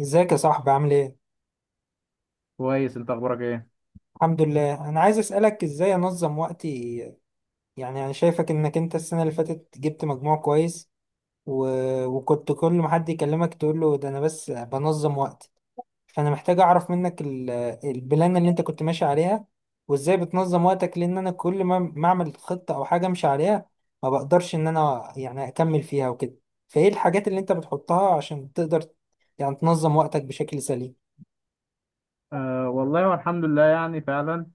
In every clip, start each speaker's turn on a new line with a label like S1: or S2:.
S1: ازيك يا صاحبي عامل ايه؟
S2: كويس انت اخبارك ايه؟
S1: الحمد لله، انا عايز اسألك ازاي انظم وقتي. يعني انا شايفك انك انت السنة اللي فاتت جبت مجموع كويس، و... وكنت كل ما حد يكلمك تقول له ده انا بس بنظم وقتي. فانا محتاج اعرف منك البلان اللي انت كنت ماشي عليها، وازاي بتنظم وقتك. لان انا كل ما اعمل خطة او حاجة امشي عليها ما بقدرش ان انا يعني اكمل فيها وكده. فايه الحاجات اللي انت بتحطها عشان تقدر يعني تنظم وقتك بشكل سليم؟
S2: والله والحمد لله يعني فعلا.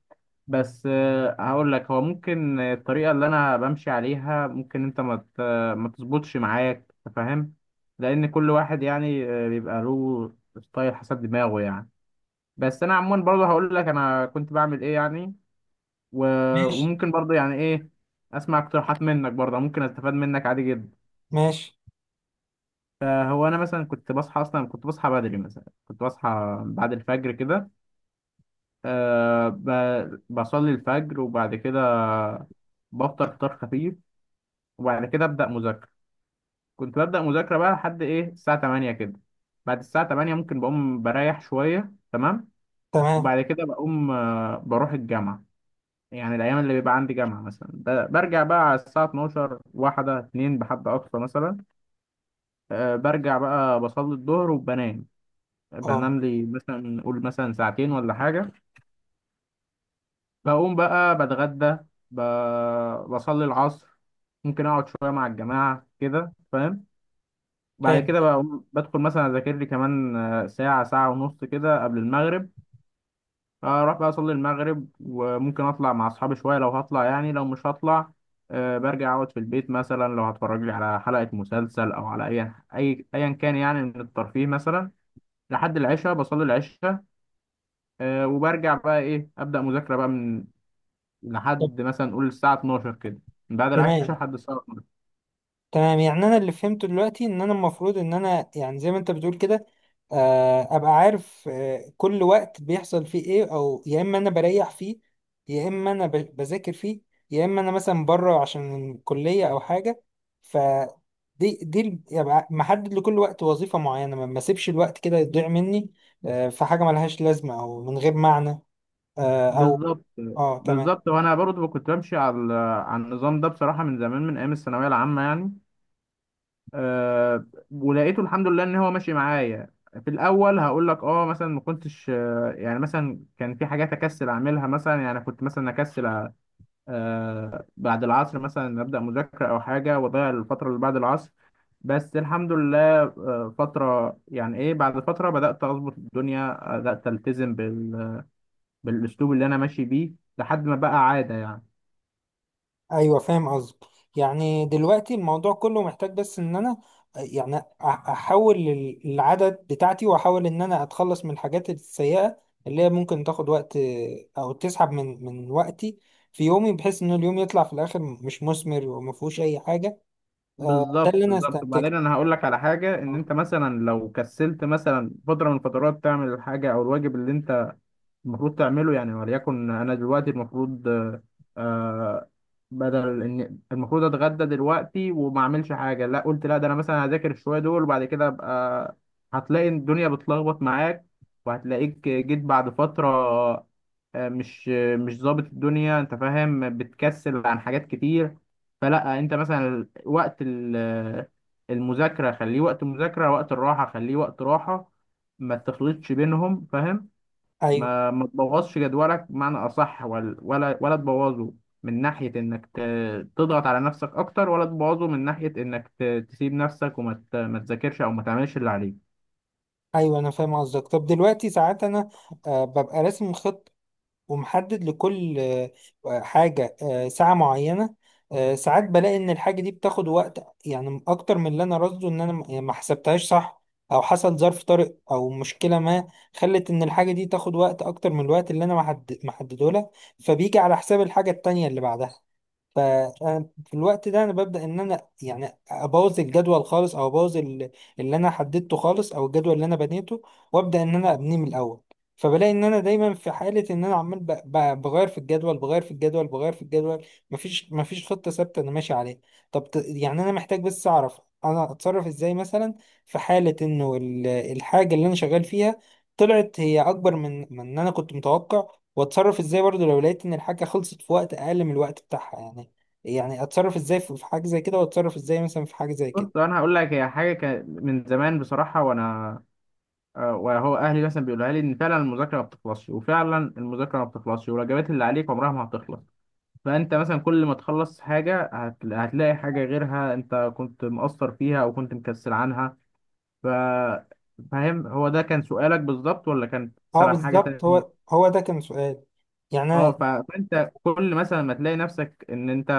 S2: بس هقول لك، هو ممكن الطريقه اللي انا بمشي عليها ممكن انت ما تظبطش معاك. أنت فاهم؟ لان كل واحد يعني بيبقى له ستايل حسب دماغه يعني. بس انا عموما برضه هقول لك انا كنت بعمل ايه يعني. وممكن برضه يعني ايه، اسمع اقتراحات منك برضه، ممكن استفاد منك عادي جدا.
S1: ماشي.
S2: هو انا مثلا كنت بصحى، اصلا كنت بصحى بدري، مثلا كنت بصحى بعد الفجر كده. أه بصلي الفجر وبعد كده بفطر فطار خفيف وبعد كده أبدأ مذاكرة. كنت ببدأ مذاكرة بقى لحد إيه الساعة 8 كده. بعد الساعة 8 ممكن بقوم بريح شوية. تمام.
S1: تمام.
S2: وبعد كده بقوم بروح الجامعة. يعني الأيام اللي بيبقى عندي جامعة مثلا برجع بقى على الساعة 12، واحدة اتنين بحد أقصى مثلا. أه برجع بقى بصلي الظهر وبنام.
S1: اه،
S2: بنام لي مثلا، قول مثلا ساعتين ولا حاجة. بقوم بقى بتغدى، ب... بصلي العصر. ممكن اقعد شويه مع الجماعه كده، فاهم. بعد
S1: فاهم.
S2: كده بقوم بدخل مثلا اذاكر لي كمان ساعه ساعه ونص كده قبل المغرب. اروح بقى اصلي المغرب وممكن اطلع مع اصحابي شويه لو هطلع، يعني لو مش هطلع برجع اقعد في البيت، مثلا لو هتفرج لي على حلقه مسلسل او على اي ايا كان يعني من الترفيه مثلا. لحد العشاء بصلي العشاء. وبرجع بقى ايه ابدا مذاكره بقى من...
S1: طب.
S2: لحد مثلا نقول الساعة 12 كده. من بعد العشاء
S1: تمام.
S2: لحد الساعة 12.
S1: تمام، يعني انا اللي فهمته دلوقتي ان انا المفروض ان انا يعني زي ما انت بتقول كده، ابقى عارف كل وقت بيحصل فيه ايه، او يا اما انا بريح فيه، يا اما انا بذاكر فيه، يا اما انا مثلا بره عشان الكلية او حاجة. ف دي يبقى محدد لكل وقت وظيفة معينة، ما اسيبش الوقت كده يضيع مني في حاجة ملهاش لازمة او من غير معنى، او.
S2: بالظبط
S1: اه، تمام.
S2: بالظبط. وأنا برضه كنت بمشي على على النظام ده بصراحة، من زمان من أيام الثانوية العامة يعني. أه ولقيته الحمد لله إن هو ماشي معايا. في الأول هقول لك أه مثلا ما كنتش يعني مثلا كان في حاجات أكسل أعملها مثلا، يعني كنت مثلا أكسل بعد العصر مثلا أبدأ مذاكرة أو حاجة وأضيع الفترة اللي بعد العصر. بس الحمد لله فترة يعني ايه، بعد فترة بدأت أظبط الدنيا، بدأت ألتزم بالأسلوب اللي أنا ماشي بيه، لحد ما بقى عادة يعني.
S1: ايوه، فاهم قصدك. يعني دلوقتي الموضوع كله محتاج بس ان انا يعني احول العدد بتاعتي، واحاول ان انا اتخلص من الحاجات السيئة اللي هي ممكن تاخد وقت او تسحب من وقتي في يومي، بحيث ان اليوم يطلع في الاخر مش مثمر وما فيهوش اي حاجة. ده
S2: بالظبط
S1: اللي انا
S2: بالظبط.
S1: استنتجته.
S2: وبعدين أنا هقول لك على حاجة، إن
S1: آه.
S2: أنت مثلا لو كسلت مثلا فترة من الفترات تعمل الحاجة أو الواجب اللي أنت المفروض تعمله يعني، وليكن انا دلوقتي المفروض آه، بدل ان المفروض اتغدى دلوقتي وما اعملش حاجه، لا قلت لا ده انا مثلا هذاكر الشويه دول وبعد كده ابقى... هتلاقي الدنيا بتلخبط معاك وهتلاقيك جيت بعد فتره آه، مش مش ظابط الدنيا، انت فاهم، بتكسل عن حاجات كتير. فلا انت مثلا وقت المذاكره خليه وقت مذاكره، وقت الراحه خليه وقت راحه. ما تخلطش بينهم فاهم.
S1: ايوه،
S2: ما تبوظش جدولك بمعنى اصح، ولا ولا تبوظه من ناحيه انك تضغط على نفسك اكتر، ولا تبوظه من ناحيه انك تسيب نفسك وما ت- ما تذاكرش او ما تعملش اللي عليك.
S1: ايوه انا فاهم قصدك. طب دلوقتي ساعات انا ببقى راسم خطة ومحدد لكل حاجة ساعة معينة. ساعات بلاقي إن الحاجة دي بتاخد وقت يعني أكتر من اللي أنا راصده، إن أنا يعني ما حسبتهاش صح، أو حصل ظرف طارئ أو مشكلة ما خلت إن الحاجة دي تاخد وقت أكتر من الوقت اللي أنا محدده لها، فبيجي على حساب الحاجة التانية اللي بعدها. ففي الوقت ده انا ببدا ان انا يعني ابوظ الجدول خالص، او ابوظ اللي انا حددته خالص، او الجدول اللي انا بنيته، وابدا ان انا ابنيه من الاول. فبلاقي ان انا دايما في حاله ان انا عمال بغير في الجدول، بغير في الجدول، بغير في الجدول. مفيش خطه ثابته انا ماشي عليها. طب يعني انا محتاج بس اعرف انا اتصرف ازاي مثلا في حاله انه الحاجه اللي انا شغال فيها طلعت هي اكبر من ان انا كنت متوقع، واتصرف ازاي برضو لو لقيت ان الحاجه خلصت في وقت اقل من الوقت بتاعها. يعني يعني اتصرف ازاي في حاجه زي كده، واتصرف ازاي مثلا في حاجه زي كده.
S2: بص انا هقول لك هي حاجه كان من زمان بصراحه. وانا وهو اهلي مثلا بيقولها لي ان فعلا المذاكره ما بتخلصش، وفعلا المذاكره ما بتخلصش، والواجبات اللي عليك عمرها ما هتخلص. فانت مثلا كل ما تخلص حاجه هتلاقي حاجه غيرها انت كنت مقصر فيها او كنت مكسل عنها. ف... فاهم هو ده كان سؤالك بالظبط ولا كان
S1: اه
S2: سرح حاجة
S1: بالظبط، هو
S2: تانية؟
S1: ده كان سؤال. يعني انا
S2: اه فانت كل مثلا ما تلاقي نفسك ان انت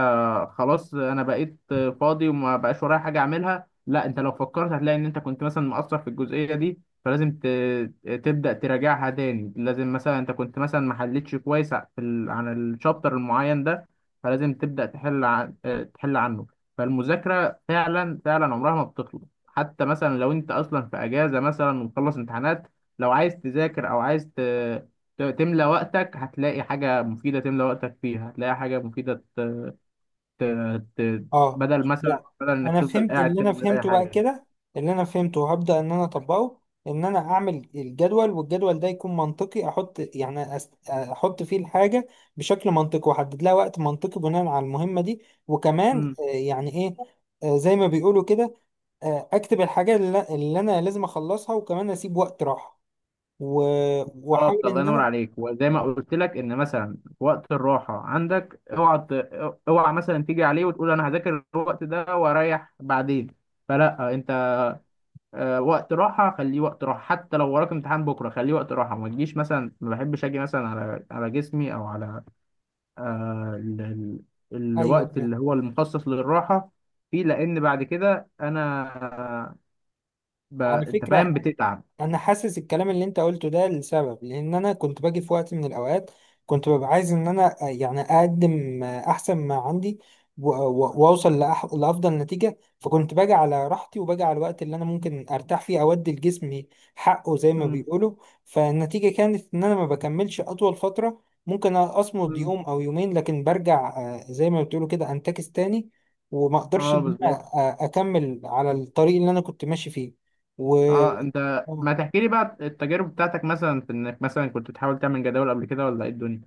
S2: خلاص انا بقيت فاضي وما بقاش ورايا حاجه اعملها، لا انت لو فكرت هتلاقي ان انت كنت مثلا مقصر في الجزئيه دي، فلازم تبدا تراجعها تاني. لازم مثلا انت كنت مثلا ما حلتش كويس في عن الشابتر المعين ده، فلازم تبدا تحل تحل عنه. فالمذاكره فعلا فعلا عمرها ما بتخلص، حتى مثلا لو انت اصلا في اجازه مثلا ومخلص امتحانات، لو عايز تذاكر او عايز تملى وقتك هتلاقي حاجة مفيدة تملى وقتك فيها، هتلاقي حاجة مفيدة ت... ت...
S1: اه،
S2: بدل مثلا
S1: يعني
S2: بدل إنك
S1: انا
S2: تفضل
S1: فهمت
S2: قاعد
S1: اللي
S2: كده
S1: انا
S2: من غير أي
S1: فهمته بقى
S2: حاجة.
S1: كده. اللي انا فهمته وهبدا ان انا اطبقه، ان انا اعمل الجدول، والجدول ده يكون منطقي. احط يعني احط فيه الحاجه بشكل منطقي، واحدد لها وقت منطقي بناء على المهمه دي. وكمان
S2: امم
S1: يعني ايه، زي ما بيقولوا كده، اكتب الحاجه اللي انا لازم اخلصها، وكمان اسيب وقت راحه و- واحاول
S2: بالظبط. الله
S1: ان
S2: ينور
S1: انا.
S2: عليك. وزي ما قلت لك ان مثلا في وقت الراحه عندك اوعى اوعى مثلا تيجي عليه وتقول انا هذاكر الوقت ده واريح بعدين. فلا انت وقت راحه خليه وقت راحه، حتى لو وراك امتحان بكره خليه وقت راحه. ما تجيش مثلا، ما بحبش اجي مثلا على على جسمي او على آه، ال- ال-
S1: ايوه.
S2: الوقت اللي هو المخصص للراحة فيه، لأن بعد كده أنا
S1: على
S2: أنت فاهم
S1: فكره،
S2: بتتعب.
S1: انا حاسس الكلام اللي انت قلته ده لسبب، لان انا كنت باجي في وقت من الاوقات كنت ببقى عايز ان انا يعني اقدم احسن ما عندي، واوصل لافضل نتيجه. فكنت باجي على راحتي، وباجي على الوقت اللي انا ممكن ارتاح فيه، اودي لجسمي حقه زي ما
S2: مم.
S1: بيقولوا. فالنتيجه كانت ان انا ما بكملش اطول فتره، ممكن اصمد
S2: مم.
S1: يوم او يومين لكن برجع زي ما بتقولوا كده انتكس تاني، وما اقدرش
S2: أه
S1: ان انا
S2: بالظبط.
S1: اكمل على الطريق اللي انا كنت ماشي فيه. و.
S2: أه أنت ما تحكي لي بقى التجارب بتاعتك مثلا، في إنك مثلا كنت بتحاول تعمل جداول قبل كده ولا إيه الدنيا؟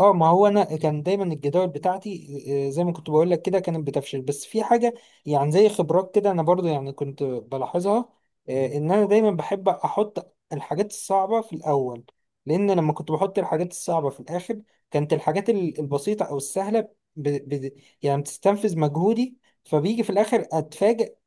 S1: اه، ما هو انا كان دايما الجداول بتاعتي زي ما كنت بقول لك كده كانت بتفشل، بس في حاجه يعني زي خبرات كده انا برضو يعني كنت بلاحظها. ان انا دايما بحب احط الحاجات الصعبه في الاول، لان لما كنت بحط الحاجات الصعبه في الاخر كانت الحاجات البسيطه او السهله ب... ب... يعني بتستنفذ مجهودي، فبيجي في الاخر اتفاجئ.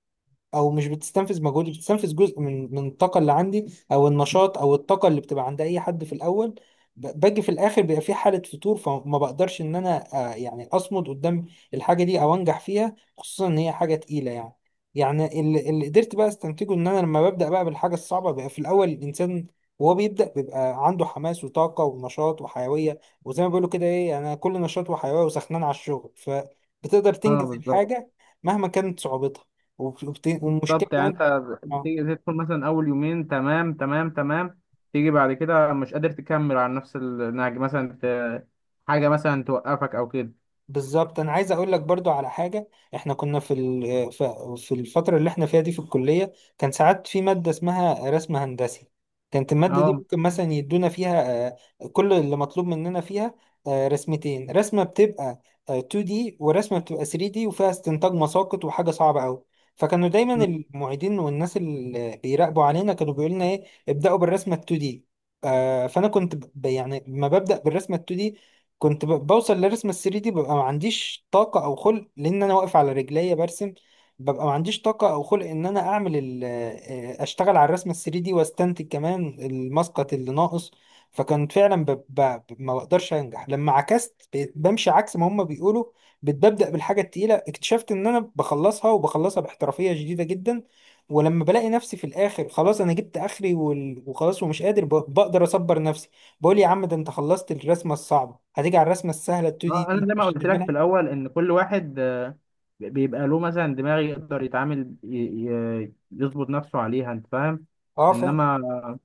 S1: او مش بتستنفذ مجهودي، بتستنفذ جزء من الطاقه اللي عندي، او النشاط او الطاقه اللي بتبقى عند اي حد في الاول. باجي في الاخر بيبقى في حاله فتور، فما بقدرش ان انا يعني اصمد قدام الحاجه دي او انجح فيها، خصوصا ان هي حاجه تقيله يعني. يعني اللي قدرت بقى استنتجه، ان انا لما ببدا بقى بالحاجه الصعبه بقى في الاول، الانسان وهو بيبدا بيبقى عنده حماس وطاقه ونشاط وحيويه، وزي ما بيقولوا كده ايه يعني، انا كل نشاط وحيويه وسخنان على الشغل، فبتقدر
S2: أه
S1: تنجز
S2: بالظبط
S1: الحاجه مهما كانت صعوبتها. والمشكله
S2: بالظبط. يعني
S1: كمان.
S2: أنت
S1: اه
S2: بتيجي تدخل مثلا أول يومين تمام تمام تمام. تيجي بعد كده مش قادر تكمل على نفس النهج، مثلا حاجة مثلا توقفك أو كده.
S1: بالظبط. انا عايز اقول لك برضو على حاجه. احنا كنا في في الفتره اللي احنا فيها دي في الكليه، كان ساعات في ماده اسمها رسم هندسي. كانت الماده دي
S2: أه،
S1: ممكن مثلا يدونا فيها كل اللي مطلوب مننا فيها رسمتين: رسمه بتبقى 2D، ورسمه بتبقى 3D وفيها استنتاج مساقط، وحاجه صعبه قوي. فكانوا دايما المعيدين والناس اللي بيراقبوا علينا كانوا بيقولوا لنا ايه: ابداوا بالرسمه ال 2D. فانا كنت يعني ما ببدا بالرسمه ال 2D، كنت بوصل لرسم ال 3D دي ببقى ما عنديش طاقة أو خلق، لأن أنا واقف على رجليا برسم. ببقى ما عنديش طاقة أو خلق إن أنا أعمل أشتغل على الرسم ال 3D دي، وأستنتج كمان المسقط اللي ناقص. فكنت فعلا ما بقدرش أنجح. لما عكست بقيت بمشي عكس ما هما بيقولوا، ببدأ بالحاجة التقيلة، اكتشفت إن أنا بخلصها، وبخلصها باحترافية شديدة جدا. ولما بلاقي نفسي في الآخر خلاص أنا جبت آخري وخلاص ومش قادر بقدر أصبر، بقول يا عم ده انت خلصت الرسمه الصعبه، هتيجي على الرسمه السهله ال 2D دي
S2: اه، انا
S1: دي
S2: زي ما
S1: مش
S2: قلت لك في
S1: هتعملها.
S2: الاول ان كل واحد بيبقى له مثلا دماغ يقدر يتعامل يظبط نفسه عليها انت فاهم.
S1: اه، فاهم.
S2: انما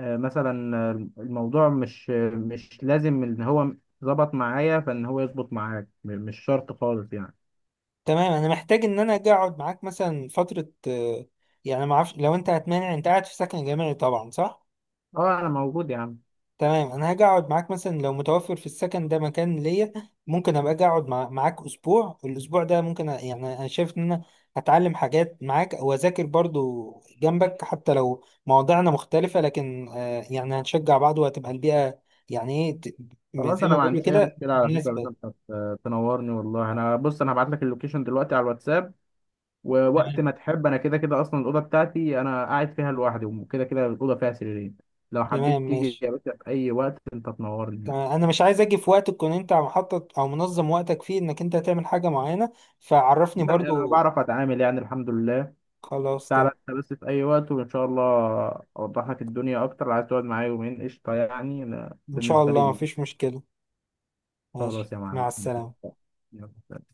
S2: مثلا الموضوع مش لازم ان هو ظبط معايا فان هو يظبط معاك، مش شرط خالص يعني.
S1: تمام، انا محتاج ان انا اجي اقعد معاك مثلا فتره يعني ما اعرفش لو انت هتمانع. انت قاعد في سكن جامعي طبعا، صح؟
S2: اه انا موجود يا عم.
S1: تمام، انا هاجي اقعد معاك مثلا لو متوفر في السكن ده مكان ليا. ممكن ابقى اجي اقعد معاك اسبوع. الاسبوع ده ممكن يعني انا شايف ان انا هتعلم حاجات معاك واذاكر برضو جنبك، حتى لو مواضيعنا مختلفة لكن آه، يعني هنشجع بعض، وهتبقى البيئة يعني ايه
S2: خلاص
S1: زي ما
S2: انا ما
S1: بيقولوا
S2: عنديش اي
S1: كده
S2: مشكله على فكره. بس
S1: مناسبة.
S2: انت تنورني والله. انا بص انا هبعت لك اللوكيشن دلوقتي على الواتساب. ووقت
S1: تمام.
S2: ما تحب، انا كده كده اصلا الاوضه بتاعتي انا قاعد فيها لوحدي، وكده كده الاوضه فيها سريرين. لو
S1: تمام
S2: حبيت تيجي
S1: ماشي.
S2: يا باشا في اي وقت، انت تنورني يعني.
S1: تمام، انا مش عايز اجي في وقت تكون انت محطط او منظم وقتك فيه انك انت هتعمل حاجة معينة، فعرفني
S2: لا انا
S1: برضو.
S2: بعرف اتعامل يعني الحمد لله.
S1: خلاص تمام.
S2: تعالى انت بس في اي وقت وان شاء الله اوضح لك الدنيا اكتر. لو عايز تقعد معايا يومين قشطه يعني، انا
S1: ان شاء
S2: بالنسبه لي
S1: الله
S2: إيه.
S1: مفيش مشكلة. ماشي،
S2: خلاص يا
S1: مع
S2: معلم.
S1: السلامة.
S2: يلا سلام.